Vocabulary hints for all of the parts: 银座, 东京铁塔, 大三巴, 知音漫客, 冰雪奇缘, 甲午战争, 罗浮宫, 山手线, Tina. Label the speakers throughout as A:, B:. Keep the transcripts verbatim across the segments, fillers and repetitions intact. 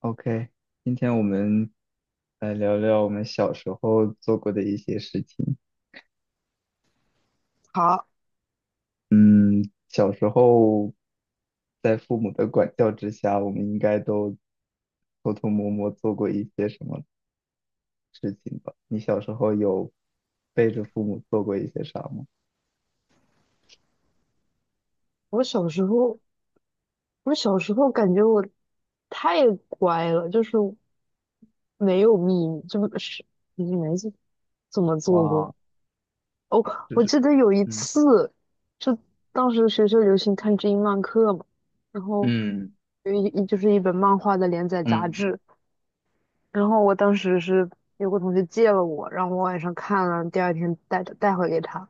A: OK，今天我们来聊聊我们小时候做过的一些事情。
B: 好，
A: 嗯，小时候在父母的管教之下，我们应该都偷偷摸摸做过一些什么事情吧？你小时候有背着父母做过一些啥吗？
B: 我小时候，我小时候感觉我太乖了，就是没有秘密，这不是你没怎怎么做过？
A: 哇，
B: 哦，
A: 就
B: 我
A: 是
B: 记得有一
A: 嗯，
B: 次，就当时学校流行看知音漫客嘛，然后
A: 嗯
B: 有一一就是一本漫画的连载杂
A: 嗯
B: 志，然后我当时是有个同学借了我，然后我晚上看了，第二天带带回给他。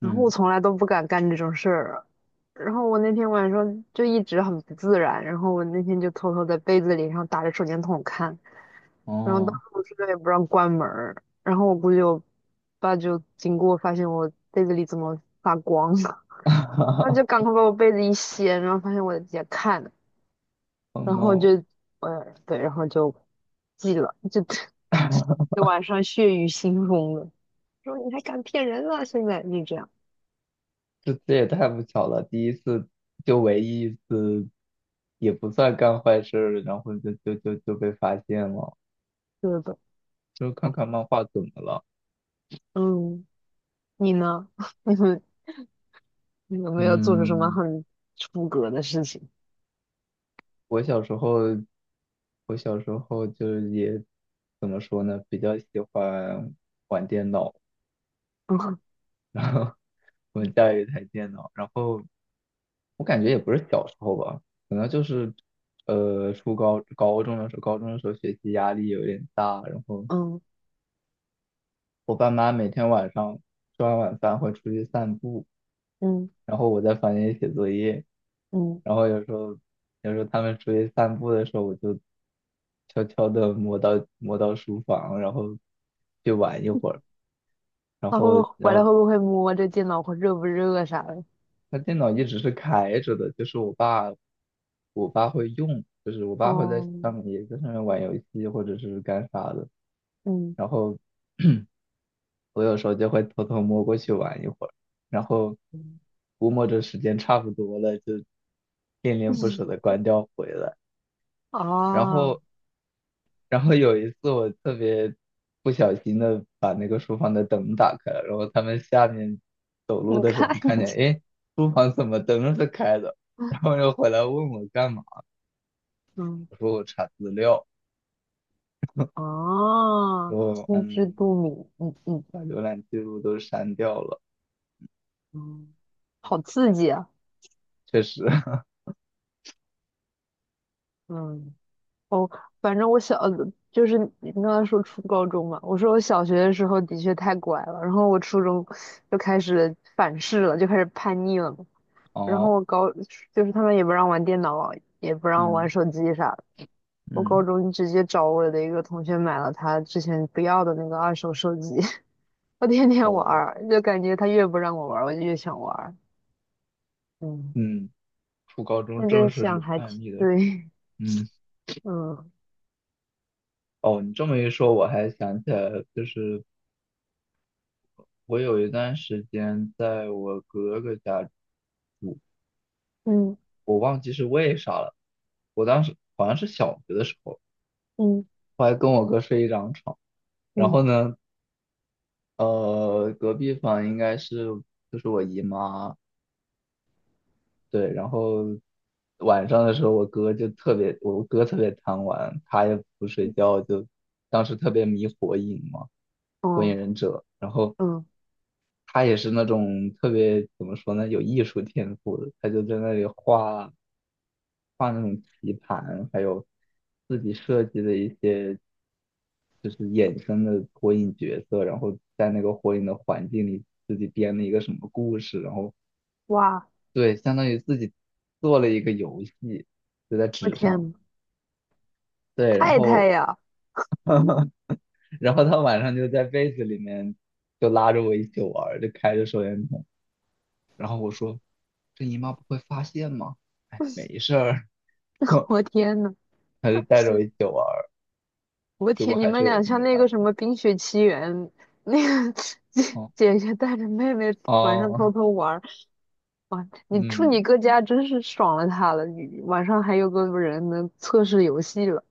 B: 然后我
A: 嗯，
B: 从来都不敢干这种事儿。然后我那天晚上就一直很不自然，然后我那天就偷偷在被子里，然后打着手电筒看，然后当时
A: 哦
B: 我宿舍也不让关门儿，然后我估计我爸就经过发现我被子里怎么发光了，他就赶 快把我被子一掀，然后发现我也看，
A: ，Oh
B: 然后就
A: no，
B: 呃对，然后就记了，就 就晚上血雨腥风的，说你还敢骗人啊，现在就这样，
A: 这这也太不巧了，第一次就唯一一次，也不算干坏事儿，然后就就就就被发现了。
B: 对吧？
A: 就看
B: 哎
A: 看漫画怎么了？
B: 嗯。你呢？你们你有没有做出什么
A: 嗯，
B: 很出格的事情？
A: 我小时候，我小时候就是也怎么说呢，比较喜欢玩电脑，
B: 嗯
A: 然后我们家有一台电脑，然后我感觉也不是小时候吧，可能就是呃初高高中的时候，高中的时候学习压力有点大，然后。
B: 嗯
A: 我爸妈每天晚上吃完晚饭会出去散步，
B: 嗯
A: 然后我在房间里写作业，
B: 嗯，
A: 然后有时候有时候他们出去散步的时候，我就悄悄的摸到摸到书房，然后去玩一会儿，然
B: 他会不
A: 后
B: 会
A: 然
B: 回来
A: 后
B: 会不会摸这电脑会热不热啥的？
A: 他电脑一直是开着的，就是我爸我爸会用，就是我爸会在上面
B: 哦
A: 也在上面玩游戏或者是干啥的，
B: 嗯
A: 然后 我有时候就会偷偷摸过去玩一会儿，然后
B: 嗯
A: 估摸着时间差不多了，就恋恋不舍
B: 嗯
A: 的关掉回来。然
B: 啊
A: 后，然后有一次我特别不小心的把那个书房的灯打开了，然后他们下面走路
B: 你
A: 的时候
B: 看
A: 就看
B: 你
A: 见，诶，书房怎么灯是开的？然后 又回来问我干嘛，
B: 嗯
A: 我说我查资料，
B: 啊，
A: 说
B: 心知
A: 嗯，
B: 肚明，嗯嗯
A: 把浏览记录都删掉了。
B: 嗯，好刺激啊！
A: 确实，
B: 嗯。哦，反正我小的就是你刚才说初高中嘛，我说我小学的时候的确太乖了，然后我初中就开始反噬了，就开始叛逆了嘛。然后
A: 哦，
B: 我高，就是他们也不让玩电脑，也不让我玩
A: 嗯
B: 手机啥的。我高
A: 嗯
B: 中直接找我的一个同学买了他之前不要的那个二手手机，我天天玩
A: 哦
B: 儿，就感觉他越不让我玩儿，我就越想玩儿。嗯，
A: 嗯。初高中
B: 现
A: 正
B: 在
A: 式
B: 想还挺
A: 叛逆的时候。
B: 对，
A: 嗯，
B: 嗯
A: 哦，你这么一说，我还想起来了，就是我有一段时间在我哥哥家住，
B: 嗯
A: 我忘记是为啥了。我当时好像是小学的时候，
B: 嗯
A: 我还跟我哥睡一张床。然
B: 嗯，
A: 后呢，呃，隔壁房应该是就是我姨妈，对。然后晚上的时候，我哥就特别，我哥特别贪玩，他也不睡觉，就当时特别迷火影嘛，火
B: 哦
A: 影忍者。然后
B: 嗯，
A: 他也是那种特别怎么说呢，有艺术天赋的，他就在那里画画那种棋盘，还有自己设计的一些就是衍生的火影角色，然后在那个火影的环境里自己编了一个什么故事，然后
B: 哇。
A: 对，相当于自己做了一个游戏，就在
B: 我
A: 纸
B: 天
A: 上，
B: 呐，
A: 对，然
B: 太太
A: 后
B: 呀！
A: 然后他晚上就在被子里面就拉着我一起玩儿，就开着手电筒。然后我说这姨妈不会发现吗？哎，没事儿，
B: 我天呐，
A: 还是带着我一起玩儿。
B: 我
A: 结果
B: 天，你
A: 还
B: 们
A: 是有一
B: 俩
A: 天
B: 像
A: 被
B: 那
A: 发
B: 个什
A: 现。
B: 么《冰雪奇缘》，那个
A: 哦
B: 姐姐姐带着妹妹晚上
A: 哦，
B: 偷偷玩儿，哇！你住
A: 嗯，
B: 你哥家真是爽了他了，你晚上还有个人能测试游戏了，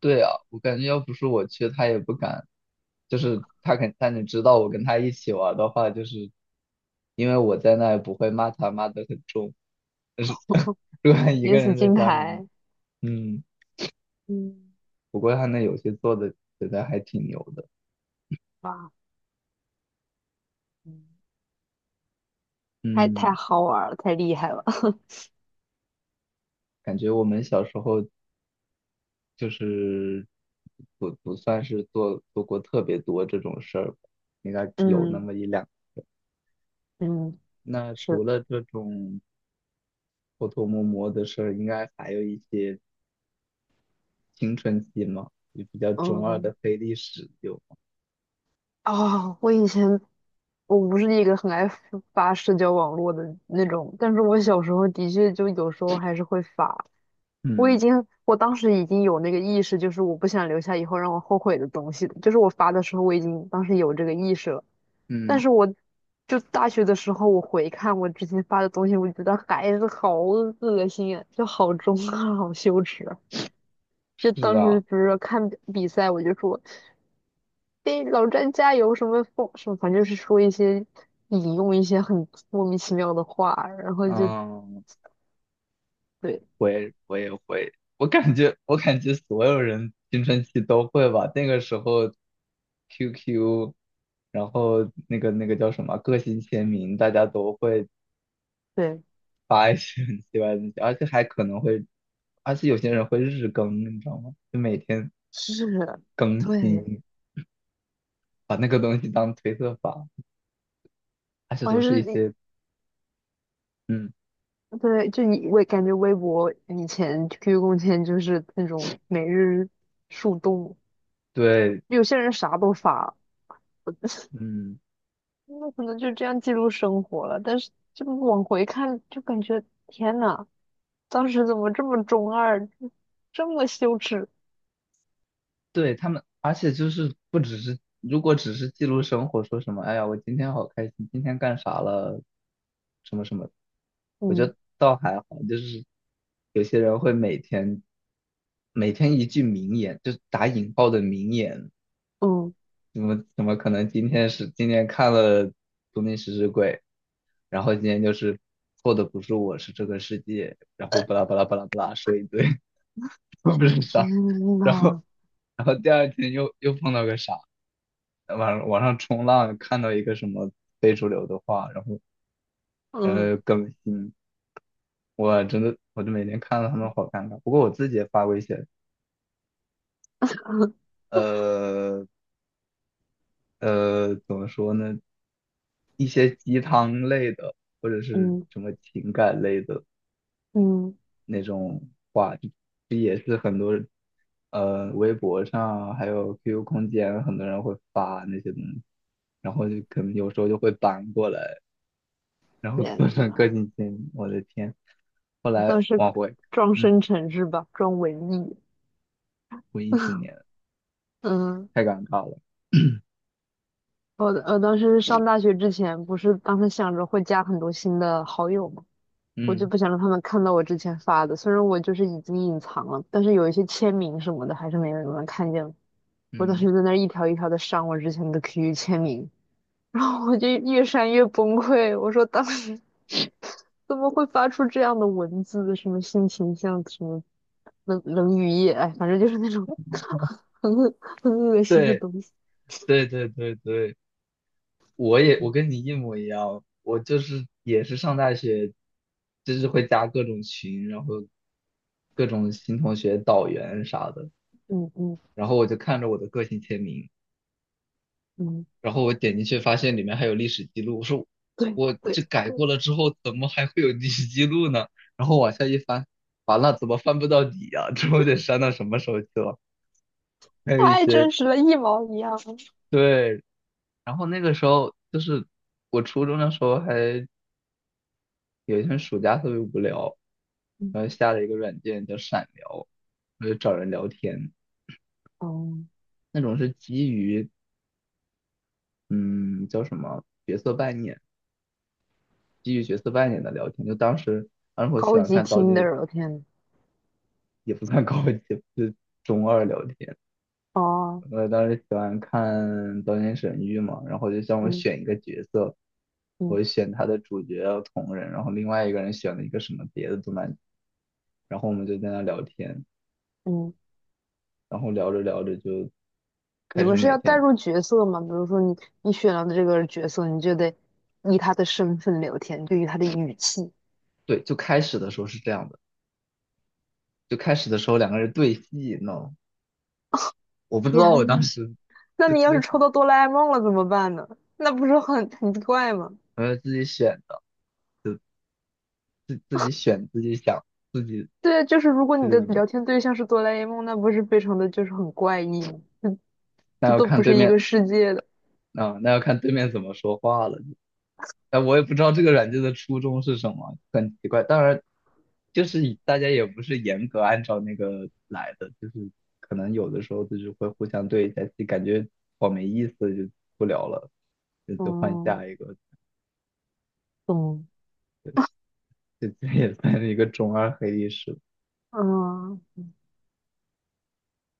A: 对啊，我感觉要不是我去，他也不敢。就是他肯，他能知道我跟他一起玩的话，就是因为我在那也不会骂他骂得很重。但是 如果他一
B: 免
A: 个
B: 死
A: 人在
B: 金
A: 家里面，
B: 牌，
A: 嗯，
B: 嗯，
A: 不过他那游戏做的觉得还挺牛的。
B: 哇，嗯太太
A: 嗯，
B: 好玩儿了，太厉害了，
A: 感觉我们小时候就是不不算是做做过特别多这种事儿吧，应该 有那
B: 嗯
A: 么一两。
B: 嗯，
A: 那除
B: 是，
A: 了这种偷偷摸摸的事儿，应该还有一些青春期嘛，就比较
B: 嗯。
A: 中二
B: 嗯
A: 的黑历史有吗？
B: 啊，我以前我不是一个很爱发发社交网络的那种，但是我小时候的确就有时候还是会发。我已
A: 嗯
B: 经，我当时已经有那个意识，就是我不想留下以后让我后悔的东西的，就是我发的时候我已经当时有这个意识了。但
A: 嗯，
B: 是我就大学的时候，我回看我之前发的东西，我觉得还是好恶心啊，就好中二，好羞耻啊就
A: 是
B: 当
A: 啊，
B: 时比如说看比比赛，我就说。对，老詹加油什么风什么，反正就是说一些引用一些很莫名其妙的话，然后就
A: 嗯，
B: 对
A: 会我也会，我感觉我感觉所有人青春期都会吧，那个时候 Q Q。然后那个那个叫什么个性签名，大家都会
B: 对
A: 发一些很奇怪的东西，而且还可能会，而且有些人会日更，你知道吗？就每天
B: 是，
A: 更
B: 对，
A: 新，把那个东西当推特发，而且
B: 我还
A: 都是一
B: 是
A: 些，嗯，
B: 对，就你我感觉微博以前 Q Q 空间就是那种每日树洞，
A: 对，
B: 有些人啥都发，我
A: 嗯，
B: 那可能就这样记录生活了。但是就往回看，就感觉天呐，当时怎么这么中二，这么羞耻？
A: 对他们，而且就是不只是，如果只是记录生活，说什么，哎呀，我今天好开心，今天干啥了，什么什么，我觉
B: 嗯
A: 得倒还好，就是有些人会每天每天一句名言，就是打引号的名言。
B: 嗯。
A: 怎么怎么可能今天是今天看了《东京食尸鬼》，然后今天就是错的不是我，是这个世界，然后巴拉巴拉巴拉巴拉说一堆，我不是啥，
B: 天
A: 然后
B: 呐，
A: 然后第二天又又碰到个啥，网网上冲浪看到一个什么非主流的话，然后
B: 嗯
A: 呃更新，我真的我就每天看到他们好尴尬，不过我自己也发过一些，呃呃怎么说呢，一些鸡汤类的，或者是
B: 嗯
A: 什么情感类的
B: 嗯，
A: 那种话，这这也是很多呃微博上还有 Q Q 空间很多人会发那些东西，然后就可能有时候就会搬过来，然后
B: 天
A: 做成个
B: 呐，
A: 性签名，我的天！后
B: 你
A: 来
B: 倒是
A: 往回，
B: 装深
A: 嗯，
B: 沉是吧？装文艺。
A: 回忆起 年，
B: 嗯，
A: 太尴尬了。
B: 我我当时上大学之前，不是当时想着会加很多新的好友嘛，我就
A: 嗯
B: 不想让他们看到我之前发的。虽然我就是已经隐藏了，但是有一些签名什么的，还是没有人能看见。我当
A: 嗯，
B: 时在那儿一条一条的删我之前的 Q Q 签名，然后我就越删越崩溃，我说当时怎么会发出这样的文字？什么性情像什么冷冷雨夜，哎，反正就是那种 很恶很恶心的
A: 对
B: 东西。
A: 对对对对，我也我
B: 嗯
A: 跟你一模一样，我就是也是上大学，就是会加各种群，然后各种新同学导员啥的，
B: 嗯嗯
A: 然后我就看着我的个性签名，
B: 嗯，
A: 然后我点进去发现里面还有历史记录，我说
B: 对
A: 我
B: 对
A: 这改
B: 对，
A: 过了之后怎么还会有历史记录呢？然后往下一翻，完了怎么翻不到底呀、这我得删到什么时候去了？还有一
B: 太
A: 些
B: 真实了，一毛一样。
A: 对，然后那个时候就是我初中的时候还。有一天暑假特别无聊，
B: 嗯，
A: 然后下了一个软件叫闪聊，我就找人聊天，
B: 哦，
A: 那种是基于嗯叫什么角色扮演，基于角色扮演的聊天。就当时当时我喜
B: 高
A: 欢
B: 级
A: 看《刀剑》，
B: Tinder,我天呐。
A: 也不算高级，就是中二聊天。
B: 哦，
A: 我当时喜欢看《刀剑神域》嘛，然后就让我
B: 嗯
A: 选一个角色，
B: 嗯
A: 我选他的主角要同人，然后另外一个人选了一个什么别的动漫，然后我们就在那聊天。
B: 嗯，
A: 然后聊着聊着就开
B: 你
A: 始
B: 们是
A: 每
B: 要带
A: 天，
B: 入角色吗？比如说你你选了这个角色，你就得以他的身份聊天，对于他的语气。
A: 对，就开始的时候是这样的，就开始的时候两个人对戏，你知道吗？我不知道我
B: 天
A: 当
B: 呐，
A: 时
B: 那
A: 就
B: 你要是
A: 就
B: 抽到哆啦 A 梦了怎么办呢？那不是很很怪吗？
A: 呃自己选的，就自自己选自己想自己
B: 对啊，就是如果
A: 这
B: 你
A: 个
B: 的
A: 怎么，
B: 聊天对象是哆啦 A 梦，那不是非常的就是很怪异吗？这
A: 那
B: 这
A: 要
B: 都
A: 看
B: 不
A: 对
B: 是一
A: 面
B: 个世界的。
A: 啊，那要看对面怎么说话了。哎，我也不知道这个软件的初衷是什么，很奇怪。当然，就是以大家也不是严格按照那个来的，就是可能有的时候就是会互相对一下就感觉好没意思，就不聊了，就就换
B: 哦，
A: 下一个，
B: 懂。
A: 这这 也算是一个中二黑历史。
B: 嗯，